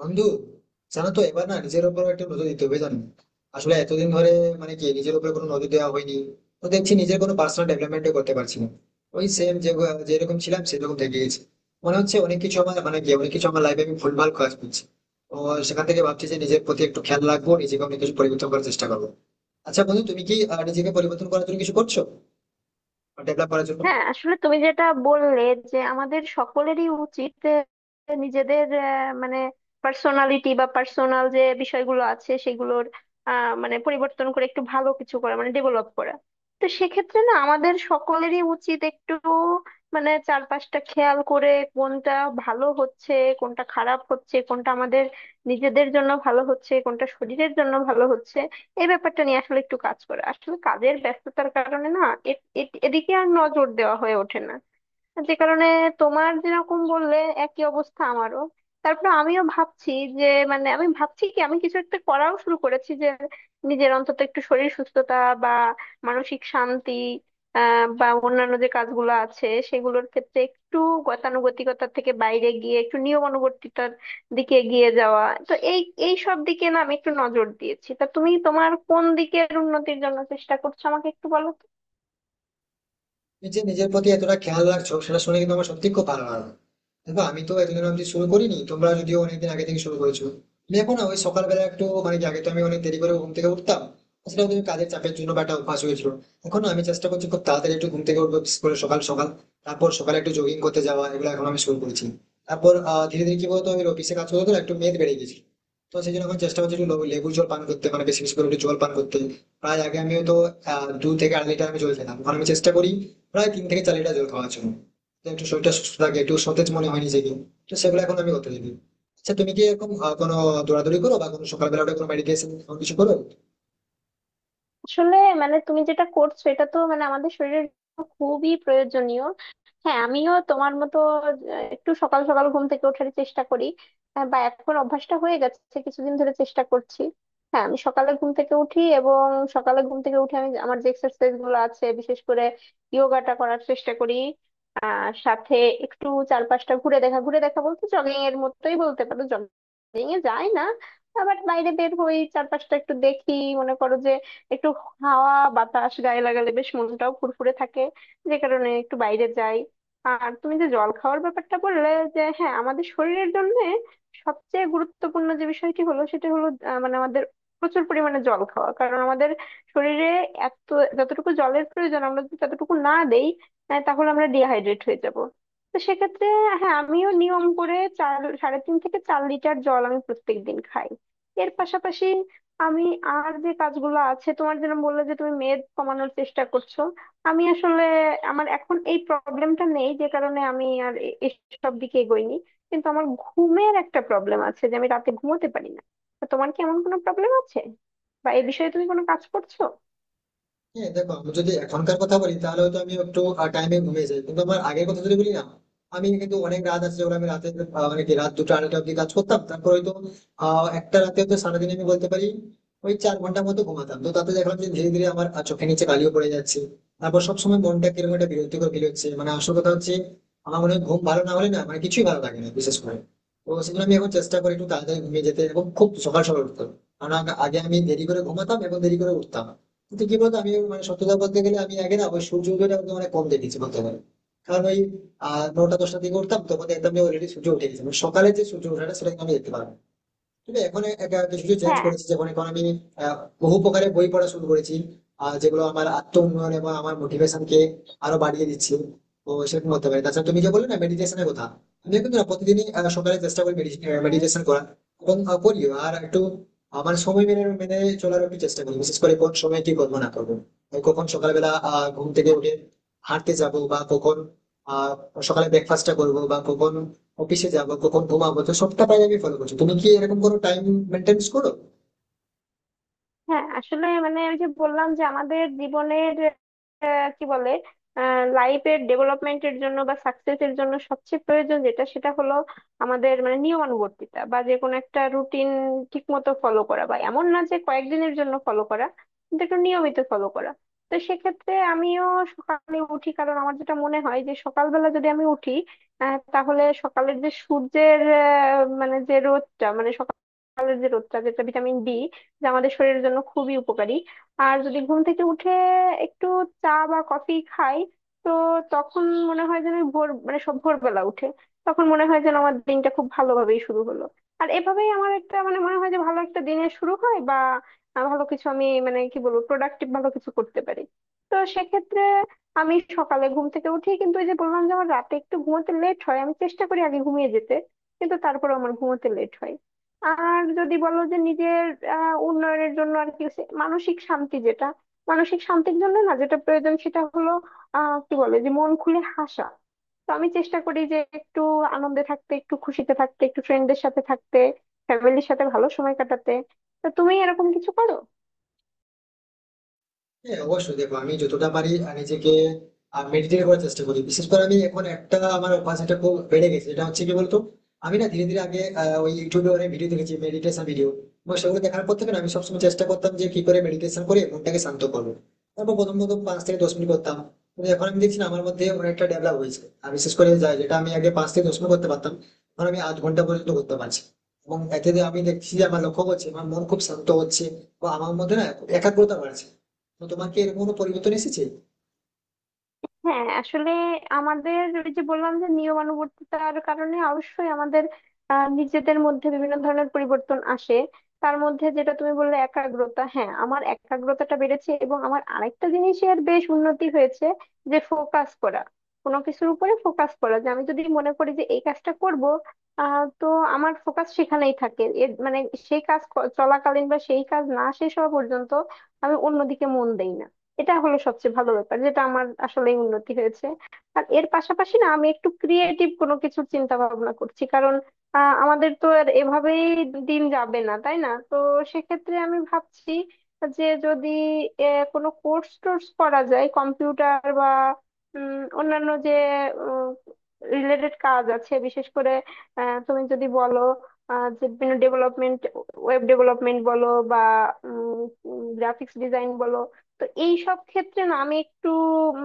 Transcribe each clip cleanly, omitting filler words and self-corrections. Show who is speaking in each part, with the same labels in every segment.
Speaker 1: বন্ধু, জানো তো, এবার না নিজের উপর একটা নজর দিতে হবে। জানো, আসলে এতদিন ধরে মানে কি নিজের উপরে কোনো নজর দেওয়া হয়নি। তো দেখছি নিজের কোনো পার্সোনাল ডেভেলপমেন্ট করতে পারছি না। ওই সেম, যে যেরকম ছিলাম সেরকম থেকে গেছি। মনে হচ্ছে অনেক কিছু আমার লাইফে আমি ভুলভাল কাজ করছি। তো সেখান থেকে ভাবছি যে নিজের প্রতি একটু খেয়াল রাখবো, নিজেকে অনেক কিছু পরিবর্তন করার চেষ্টা করবো। আচ্ছা বন্ধু, তুমি কি নিজেকে পরিবর্তন করার জন্য কিছু করছো? ডেভেলপ করার জন্য?
Speaker 2: হ্যাঁ আসলে তুমি যেটা বললে যে আমাদের সকলেরই উচিত নিজেদের আহ, মানে পার্সোনালিটি বা পার্সোনাল যে বিষয়গুলো আছে সেগুলোর মানে পরিবর্তন করে একটু ভালো কিছু করা মানে ডেভেলপ করা। তো সেক্ষেত্রে না আমাদের সকলেরই উচিত একটু মানে চারপাশটা খেয়াল করে কোনটা ভালো হচ্ছে, কোনটা খারাপ হচ্ছে, কোনটা আমাদের নিজেদের জন্য ভালো হচ্ছে, কোনটা শরীরের জন্য ভালো হচ্ছে। এই ব্যাপারটা নিয়ে আসলে একটু কাজ করে আসলে কাজের ব্যস্ততার কারণে না এ- এদিকে আর নজর দেওয়া হয়ে ওঠে না, যে কারণে তোমার যেরকম বললে একই অবস্থা আমারও। তারপরে আমিও ভাবছি যে মানে আমি ভাবছি কি আমি কিছু একটা করাও শুরু করেছি যে নিজের অন্তত একটু শরীর সুস্থতা বা মানসিক শান্তি বা অন্যান্য যে কাজগুলো আছে সেগুলোর ক্ষেত্রে একটু গতানুগতিকতার থেকে বাইরে গিয়ে একটু নিয়মানুবর্তিতার দিকে এগিয়ে যাওয়া। তো এই এই সব দিকে না আমি একটু নজর দিয়েছি। তা তুমি তোমার কোন দিকের উন্নতির জন্য চেষ্টা করছো আমাকে একটু বলো তো?
Speaker 1: তুমি যে নিজের প্রতি এতটা খেয়াল রাখছো সেটা শুনে কিন্তু আমার সত্যি খুব ভালো লাগলো। দেখো, আমি তো এতদিন অব্দি শুরু করিনি, তোমরা যদিও অনেকদিন আগে থেকে শুরু করেছো। আমি এখন না ওই সকালবেলা একটু, মানে কি, আগে তো আমি অনেক দেরি করে ঘুম থেকে উঠতাম। সেটা কিন্তু কাজের চাপের জন্য বা একটা অভ্যাস হয়েছিল। এখন না আমি চেষ্টা করছি খুব তাড়াতাড়ি একটু ঘুম থেকে উঠবো, বিশেষ করে সকাল সকাল। তারপর সকালে একটু জগিং করতে যাওয়া, এগুলো এখন আমি শুরু করছি। তারপর ধীরে ধীরে কি বলতো, আমি অফিসে কাজ করতে করতে না একটু মেদ বেড়ে গেছি। তো সেই জন্য এখন চেষ্টা করছি একটু লেবুর জল পান করতে, মানে বেশি বেশি করে একটু জল পান করতে। প্রায় আগে আমি তো 2 থেকে 2.5 লিটার আমি জল খেতাম, এখন আমি চেষ্টা করি প্রায় 3 থেকে 4 লিটার জল খাওয়ার জন্য। তো একটু শরীরটা সুস্থ থাকে, একটু সতেজ মনে হয় নিজেকে। তো সেগুলো এখন আমি করতে থাকি। আচ্ছা, তুমি কি এরকম কোনো দৌড়াদৌড়ি করো বা কোনো সকালবেলা উঠে কোনো মেডিটেশন কিছু করো?
Speaker 2: আসলে মানে তুমি যেটা করছো এটা তো মানে আমাদের শরীরের জন্য খুবই প্রয়োজনীয়। হ্যাঁ আমিও তোমার মতো আহ, একটু সকাল সকাল ঘুম থেকে ওঠার চেষ্টা করি। বা এখন অভ্যাসটা হয়ে গেছে, কিছুদিন ধরে চেষ্টা করছি। হ্যাঁ আমি সকালে ঘুম থেকে উঠি, এবং সকালে ঘুম থেকে উঠে আমি আমার যে এক্সারসাইজ গুলো আছে বিশেষ করে যোগাটা করার চেষ্টা করি। সাথে একটু চারপাশটা ঘুরে দেখা, ঘুরে দেখা বলতে জগিং এর মতোই বলতে পারো, জগিং এ যাই না, আবার বাইরে বের হই চারপাশটা একটু দেখি। মনে করো যে একটু হাওয়া বাতাস গায়ে লাগালে বেশ মনটাও ফুরফুরে থাকে, যে কারণে একটু বাইরে যাই। আর তুমি যে জল খাওয়ার ব্যাপারটা বললে যে হ্যাঁ আমাদের শরীরের জন্য সবচেয়ে গুরুত্বপূর্ণ যে বিষয়টি হলো সেটা হলো মানে আমাদের প্রচুর পরিমাণে জল খাওয়া, কারণ আমাদের শরীরে এত যতটুকু জলের প্রয়োজন আমরা যদি ততটুকু না দেই তাহলে আমরা ডিহাইড্রেট হয়ে যাব। তো সেক্ষেত্রে হ্যাঁ আমিও নিয়ম করে 3.5 থেকে 4 লিটার জল আমি প্রত্যেক দিন খাই। এর পাশাপাশি আমি আর যে কাজগুলো আছে তোমার যেরকম বললে যে তুমি মেদ কমানোর চেষ্টা করছো, আমি আসলে আমার এখন এই প্রবলেমটা নেই যে কারণে আমি আর এসব দিকে এগোইনি। কিন্তু আমার ঘুমের একটা প্রবলেম আছে যে আমি রাতে ঘুমোতে পারি না। তো তোমার কি এমন কোনো প্রবলেম আছে বা এই বিষয়ে তুমি কোনো কাজ করছো?
Speaker 1: হ্যাঁ দেখো, আমি যদি এখনকার কথা বলি তাহলে হয়তো আমি একটু টাইমে ঘুমিয়ে যাই, কিন্তু আমার আগের কথা যদি বলি না, আমি কিন্তু অনেক রাত আছে যেগুলো আমি রাতে মানে কি রাত দুটো আড়াইটা অব্দি কাজ করতাম। তারপর হয়তো একটা রাতে হয়তো, সারাদিন আমি বলতে পারি ওই 4 ঘন্টার মতো ঘুমাতাম। তো তাতে দেখলাম যে ধীরে ধীরে আমার চোখের নিচে কালিও পড়ে যাচ্ছে। তারপর সবসময় মনটা কিরকম একটা বিরক্তিকর ফিল হচ্ছে। মানে আসল কথা হচ্ছে, আমার মনে হয় ঘুম ভালো না হলে না, মানে কিছুই ভালো লাগে না বিশেষ করে। তো সেজন্য আমি এখন চেষ্টা করি একটু তাড়াতাড়ি ঘুমিয়ে যেতে এবং খুব সকাল সকাল উঠতে। কারণ আগে আমি দেরি করে ঘুমাতাম এবং দেরি করে উঠতাম। কিন্তু কি বলতো, আমি, মানে সত্যতা বলতে গেলে, আমি আগে না ওই সূর্য উদয়টা একদম, মানে কম দেখেছি বলতে পারি। কারণ ওই 9টা-10টার দিকে উঠতাম, তখন দেখতাম যে অলরেডি সূর্য উঠে গেছে। মানে সকালে যে সূর্য ওঠাটা সেটা কিন্তু আমি দেখতে পারবো। তবে এখন এটা কিছু চেঞ্জ
Speaker 2: হ্যাঁ।
Speaker 1: করেছি, যেমন এখন আমি আহ, বহু প্রকারের বই পড়া শুরু করেছি, আর যেগুলো আমার আত্ম উন্নয়ন এবং আমার মোটিভেশনকে আরো বাড়িয়ে দিচ্ছে। তো সেরকম হতে পারে। তাছাড়া তুমি যে বললে না মেডিটেশনের কথা, আমি কিন্তু না প্রতিদিনই সকালে চেষ্টা করি
Speaker 2: হুম।
Speaker 1: মেডিটেশন করার। এবং করিও। আর একটু আমার সময় মেনে মেনে চলার একটু চেষ্টা করি, বিশেষ করে কোন সময় কি করবো না করবো। এই কখন সকালবেলা ঘুম থেকে উঠে হাঁটতে যাব বা কখন আহ সকালে ব্রেকফাস্টটা করবো বা কখন অফিসে যাবো, কখন ঘুমাবো। তো সবটা টাইম আমি ফলো করছি। তুমি কি এরকম কোনো টাইম মেনটেন করো?
Speaker 2: হ্যাঁ আসলে মানে আমি যে বললাম যে আমাদের জীবনের কি বলে লাইফের ডেভেলপমেন্টের জন্য বা সাকসেসের জন্য সবচেয়ে প্রয়োজন যেটা সেটা হলো আমাদের মানে নিয়মানুবর্তিতা বা যে কোনো একটা রুটিন ঠিক মতো ফলো করা, বা এমন না যে কয়েকদিনের জন্য ফলো করা কিন্তু একটু নিয়মিত ফলো করা। তো সেক্ষেত্রে আমিও সকালে উঠি, কারণ আমার যেটা মনে হয় যে সকালবেলা যদি আমি উঠি তাহলে সকালের যে সূর্যের মানে যে রোদটা মানে সকালের যে রোদটা যেটা ভিটামিন ডি যা আমাদের শরীরের জন্য খুবই উপকারী। আর যদি ঘুম থেকে উঠে একটু চা বা কফি খাই তো তখন মনে হয় যেন ওই ভোর মানে সব ভোরবেলা উঠে তখন মনে হয় যেন আমার দিনটা খুব ভালোভাবেই শুরু হলো। আর এভাবেই আমার একটা মানে মনে হয় যে ভালো একটা দিনের শুরু হয় বা ভালো কিছু আমি মানে কি বলবো প্রোডাক্টিভ ভালো কিছু করতে পারি। তো সেক্ষেত্রে আমি সকালে ঘুম থেকে উঠি কিন্তু ওই যে বললাম যে আমার রাতে একটু ঘুমোতে লেট হয়, আমি চেষ্টা করি আগে ঘুমিয়ে যেতে কিন্তু তারপরে আমার ঘুমোতে লেট হয়। আর যদি বলো যে নিজের উন্নয়নের জন্য আর কি মানসিক শান্তি যেটা মানসিক শান্তির জন্য না যেটা প্রয়োজন সেটা হলো কি বলে যে মন খুলে হাসা। তো আমি চেষ্টা করি যে একটু আনন্দে থাকতে, একটু খুশিতে থাকতে, একটু ফ্রেন্ডদের সাথে থাকতে, ফ্যামিলির সাথে ভালো সময় কাটাতে। তো তুমি এরকম কিছু করো?
Speaker 1: হ্যাঁ অবশ্যই। দেখো আমি যতটা পারি নিজেকে মেডিটেট করার চেষ্টা করি। বিশেষ করে আমি এখন একটা আমার অভ্যাস এটা খুব বেড়ে গেছে, এটা হচ্ছে কি বলতো, আমি না ধীরে ধীরে আগে ওই ইউটিউবে অনেক ভিডিও দেখেছি, মেডিটেশন ভিডিও। এবং সেগুলো দেখার পর থেকে না আমি সবসময় চেষ্টা করতাম যে কি করে মেডিটেশন করে মনটাকে শান্ত করবো। তারপর প্রথম প্রথম 5 থেকে 10 মিনিট করতাম, কিন্তু এখন আমি দেখছি না আমার মধ্যে অনেকটা ডেভেলপ হয়েছে। আর বিশেষ করে যেটা আমি আগে 5 থেকে 10 মিনিট করতে পারতাম, এখন আমি আধ ঘন্টা পর্যন্ত করতে পারছি। এবং এতে যে আমি দেখছি যে আমার লক্ষ্য করছে আমার মন খুব শান্ত হচ্ছে, বা আমার মধ্যে না একাগ্রতা বাড়ছে। তো তোমার কি এরকম কোনো পরিবর্তন এসেছে?
Speaker 2: হ্যাঁ আসলে আমাদের ওই যে বললাম যে নিয়মানুবর্তিতার কারণে অবশ্যই আমাদের নিজেদের মধ্যে বিভিন্ন ধরনের পরিবর্তন আসে। তার মধ্যে যেটা তুমি বললে একাগ্রতা, হ্যাঁ আমার একাগ্রতাটা বেড়েছে এবং আমার আরেকটা জিনিসের বেশ উন্নতি হয়েছে, যে ফোকাস করা, কোনো কিছুর উপরে ফোকাস করা যে আমি যদি মনে করি যে এই কাজটা করব তো আমার ফোকাস সেখানেই থাকে। এর মানে সেই কাজ চলাকালীন বা সেই কাজ না শেষ হওয়া পর্যন্ত আমি অন্যদিকে মন দেই না। এটা হলো সবচেয়ে ভালো ব্যাপার যেটা আমার আসলে উন্নতি হয়েছে। আর এর পাশাপাশি না আমি একটু ক্রিয়েটিভ কোনো কিছু চিন্তা ভাবনা করছি, কারণ আমাদের তো আর এভাবেই দিন যাবে না তাই না। তো সেক্ষেত্রে আমি ভাবছি যে যদি কোনো কোর্স টোর্স করা যায়, কম্পিউটার বা উম, অন্যান্য যে রিলেটেড কাজ আছে বিশেষ করে তুমি যদি বলো যে বিভিন্ন ডেভেলপমেন্ট, ওয়েব ডেভেলপমেন্ট বলো বা গ্রাফিক্স ডিজাইন বলো, তো এই সব ক্ষেত্রে না আমি একটু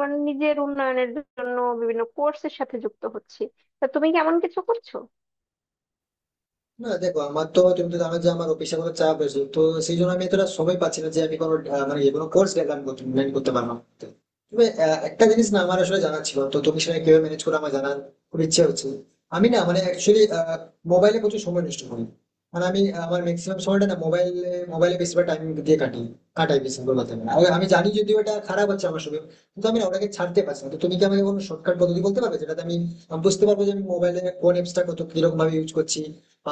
Speaker 2: মানে নিজের উন্নয়নের জন্য বিভিন্ন কোর্সের সাথে যুক্ত হচ্ছি। তা তুমি কি এমন কিছু করছো?
Speaker 1: না দেখো, আমার তো, তুমি তো জানো যে আমার পেশাগত চাপ আছে, তো সেই জন্য আমি এতটা সময় পাচ্ছি না যে আমি কোনো মানে কোনো কোর্স ডেভেলপ করতে manage করতে পারলাম। তবে একটা জিনিস না আমার আসলে জানা ছিল, তো তুমি সেটা কিভাবে ম্যানেজ করে, আমার জানার খুব ইচ্ছে হচ্ছে। আমি না, মানে অ্যাকচুয়ালি মোবাইলে প্রচুর সময় নষ্ট করি। মানে আমি আমার ম্যাক্সিমাম সময়টা না মোবাইলে মোবাইলে বেশিরভাগ টাইম দিয়ে কাটাই বেশিরভাগ কথা বলে। আর আমি জানি যদিও এটা খারাপ হচ্ছে আমার সঙ্গে, কিন্তু আমি না ওটাকে ছাড়তে পারছি না। তো তুমি কি আমাকে কোনো শর্টকাট পদ্ধতি বলতে পারবে যেটাতে আমি বুঝতে পারবো যে আমি মোবাইলে কোন অ্যাপসটা কত কিরকম ভাবে ইউজ করছি,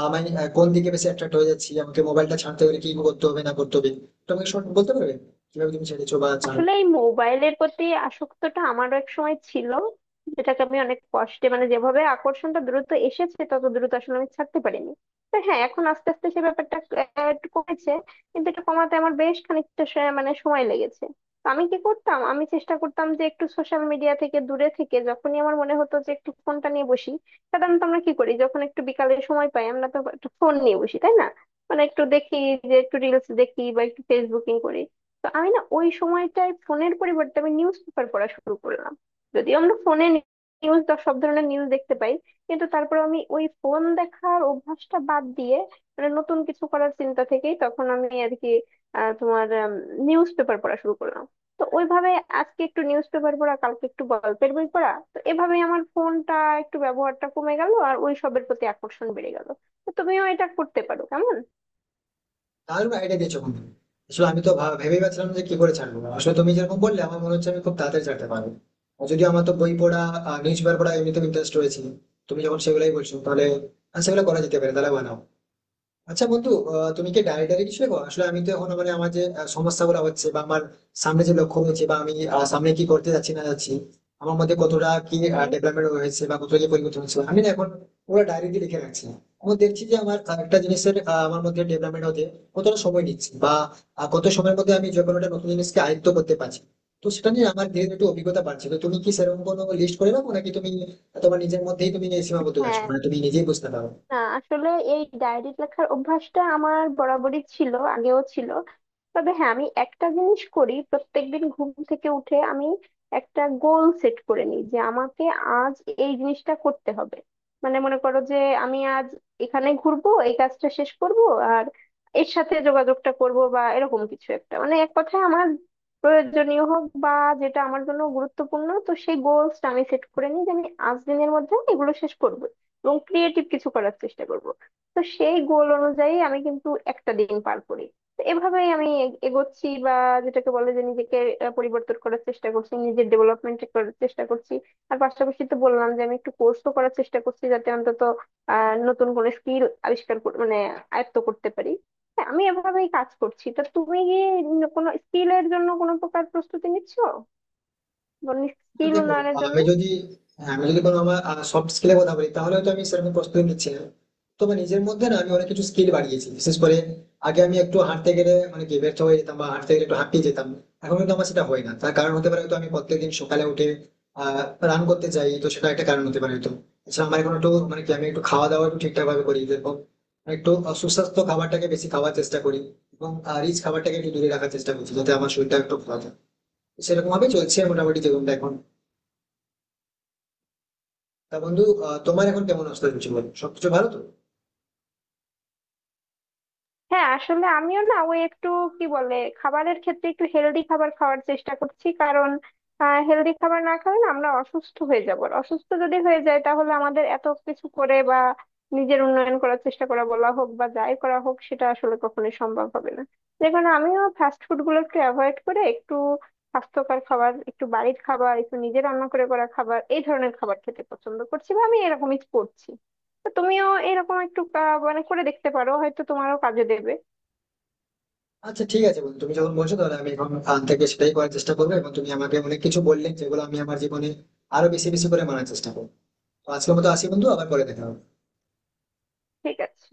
Speaker 1: আমি কোন দিকে বেশি অ্যাট্রাক্ট হয়ে যাচ্ছি, আমাকে মোবাইলটা ছাড়তে হলে কি করতে হবে না করতে হবে? তো আমাকে শর্ট বলতে পারবে কিভাবে তুমি ছেড়েছো বা ছাড়ো?
Speaker 2: আসলে এই মোবাইলের প্রতি আসক্তটা আমারও এক সময় ছিল, যেটাকে আমি অনেক কষ্টে মানে যেভাবে আকর্ষণটা দ্রুত এসেছে তত দ্রুত আসলে আমি ছাড়তে পারিনি। তো হ্যাঁ এখন আস্তে আস্তে সে ব্যাপারটা একটু কমেছে, কিন্তু এটা কমাতে আমার বেশ খানিকটা মানে সময় লেগেছে। তো আমি কি করতাম, আমি চেষ্টা করতাম যে একটু সোশ্যাল মিডিয়া থেকে দূরে থেকে, যখনই আমার মনে হতো যে একটু ফোনটা নিয়ে বসি, সাধারণত আমরা কি করি যখন একটু বিকালের সময় পাই আমরা তো একটা ফোন নিয়ে বসি তাই না, মানে একটু দেখি যে একটু রিলস দেখি বা একটু ফেসবুকিং করি। তো আমি না ওই সময়টায় ফোনের পরিবর্তে আমি নিউজ পেপার পড়া শুরু করলাম। যদিও আমরা ফোনে নিউজ সব ধরনের নিউজ দেখতে পাই, কিন্তু তারপর আমি ওই ফোন দেখার অভ্যাসটা বাদ দিয়ে মানে নতুন কিছু করার চিন্তা থেকেই তখন আমি আর কি আহ, তোমার নিউজ পেপার পড়া শুরু করলাম। তো ওইভাবে আজকে একটু নিউজ পেপার পড়া কালকে একটু গল্পের বই পড়া, তো এভাবে আমার ফোনটা একটু ব্যবহারটা কমে গেল আর ওই সবের প্রতি আকর্ষণ বেড়ে গেল। তো তুমিও এটা করতে পারো, কেমন?
Speaker 1: দারুণ আইডিয়া দিয়েছো কিন্তু। আসলে আমি তো ভেবেই পাচ্ছিলাম যে কি করে ছাড়বো, আসলে তুমি যেরকম বললে আমার মনে হচ্ছে আমি খুব তাড়াতাড়ি ছাড়তে পারবো। আর যদিও আমার তো বই পড়া, নিউজ পেপার পড়া এমনিতে ইন্টারেস্ট রয়েছে। তুমি যখন সেগুলাই বলছো তাহলে সেগুলো করা যেতে পারে। তাহলে বানাও। আচ্ছা বন্ধু, তুমি কি ডায়েটারি কিছু দেখো? আসলে আমি তো এখন, মানে আমার যে সমস্যাগুলো হচ্ছে বা আমার সামনে যে লক্ষ্য রয়েছে বা আমি সামনে কি করতে যাচ্ছি না যাচ্ছি, আমার মধ্যে কতটা কি
Speaker 2: হুম।
Speaker 1: ডেভেলপমেন্ট হয়েছে বা কতটা কি পরিবর্তন হয়েছে, আমি না এখন পুরো ডায়েরিতে লিখে রাখছি। আমি দেখছি যে আমার একটা জিনিসের আমার মধ্যে ডেভেলপমেন্ট হতে কতটা সময় নিচ্ছে বা কত সময়ের মধ্যে আমি যে কোনো একটা নতুন জিনিসকে আয়ত্ত করতে পারছি। তো সেটা নিয়ে আমার ধীরে ধীরে একটু অভিজ্ঞতা বাড়ছে। তো তুমি কি সেরকম কোনো লিস্ট করে রাখো নাকি তুমি তোমার নিজের মধ্যেই তুমি সীমাবদ্ধ আছো?
Speaker 2: হ্যাঁ,
Speaker 1: মানে তুমি নিজেই বুঝতে পারো?
Speaker 2: না আসলে এই ডায়েরি লেখার অভ্যাসটা আমার বরাবরই ছিল, আগেও ছিল। তবে হ্যাঁ আমি একটা জিনিস করি, প্রত্যেকদিন ঘুম থেকে উঠে আমি একটা গোল সেট করে নিই যে আমাকে আজ এই জিনিসটা করতে হবে। মানে মনে করো যে আমি আজ এখানে ঘুরবো, এই কাজটা শেষ করব, আর এর সাথে যোগাযোগটা করব বা এরকম কিছু একটা, মানে এক কথায় আমার প্রয়োজনীয় হোক বা যেটা আমার জন্য গুরুত্বপূর্ণ। তো সেই গোলসটা আমি সেট করে নিই যে আমি আজ দিনের মধ্যে এগুলো শেষ করব এবং ক্রিয়েটিভ কিছু করার চেষ্টা করব। তো সেই গোল অনুযায়ী আমি কিন্তু একটা দিন পার করি। তো এভাবেই আমি এগোচ্ছি, বা যেটাকে বলে যে নিজেকে পরিবর্তন করার চেষ্টা করছি নিজের ডেভেলপমেন্ট করার চেষ্টা করছি। আর পাশাপাশি তো বললাম যে আমি একটু কোর্সও করার চেষ্টা করছি, যাতে অন্তত নতুন কোনো স্কিল আবিষ্কার মানে আয়ত্ত করতে পারি। হ্যাঁ, আমি এভাবেই কাজ করছি। তা তুমি কি কোনো স্কিলের জন্য কোনো প্রকার প্রস্তুতি নিচ্ছো, স্কিল
Speaker 1: দেখো,
Speaker 2: উন্নয়নের জন্য?
Speaker 1: আমি যদি আমি যদি কোনো আমার সফট স্কিলের কথা বলি তাহলে তো আমি সেরকম প্রস্তুতি নিচ্ছি না। তবে নিজের মধ্যে না আমি অনেক কিছু স্কিল বাড়িয়েছি। বিশেষ করে আগে আমি একটু হাঁটতে গেলে মানে কি ব্যর্থ হয়ে যেতাম বা হাঁটতে গেলে একটু হাঁপিয়ে যেতাম, এখন কিন্তু আমার সেটা হয় না। তার কারণ হতে পারে হয়তো আমি প্রত্যেকদিন সকালে উঠে আহ রান করতে যাই, তো সেটা একটা কারণ হতে পারে হয়তো। এছাড়া আমার এখন একটু, মানে কি, আমি একটু খাওয়া দাওয়া একটু ঠিকঠাক ভাবে করি, যেরকম একটু সুস্বাস্থ্য খাবারটাকে বেশি খাওয়ার চেষ্টা করি এবং রিচ খাবারটাকে একটু দূরে রাখার চেষ্টা করছি যাতে আমার শরীরটা একটু ভালো থাকে। সেরকম ভাবে চলছে মোটামুটি জীবনটা এখন। তা বন্ধু, তোমার এখন কেমন অবস্থা চলছে বলো? সবকিছু ভালো তো?
Speaker 2: হ্যাঁ আসলে আমিও না ওই একটু কি বলে খাবারের ক্ষেত্রে একটু হেলদি খাবার খাওয়ার চেষ্টা করছি, কারণ হেলদি খাবার না খেলে না আমরা অসুস্থ হয়ে যাব, আর অসুস্থ যদি হয়ে যায় তাহলে আমাদের এত কিছু করে বা নিজের উন্নয়ন করার চেষ্টা করা বলা হোক বা যাই করা হোক সেটা আসলে কখনোই সম্ভব হবে না। যে কারণে আমিও ফাস্ট ফুড গুলো একটু অ্যাভয়েড করে একটু স্বাস্থ্যকর খাবার, একটু বাড়ির খাবার, একটু নিজে রান্না করে করা খাবার এই ধরনের খাবার খেতে পছন্দ করছি বা আমি এরকমই করছি। তো তুমিও এরকম একটু মানে করে দেখতে পারো, হয়তো তোমারও কাজে দেবে।
Speaker 1: আচ্ছা ঠিক আছে বন্ধু, তুমি যখন বলছো তাহলে আমি এখন থেকে সেটাই করার চেষ্টা করবো এবং তুমি আমাকে অনেক কিছু বললে যেগুলো আমি আমার জীবনে আরো বেশি বেশি করে মানার চেষ্টা করবো। তো আজকের মতো আসি বন্ধু, আবার পরে দেখা হবে।
Speaker 2: ঠিক আছে।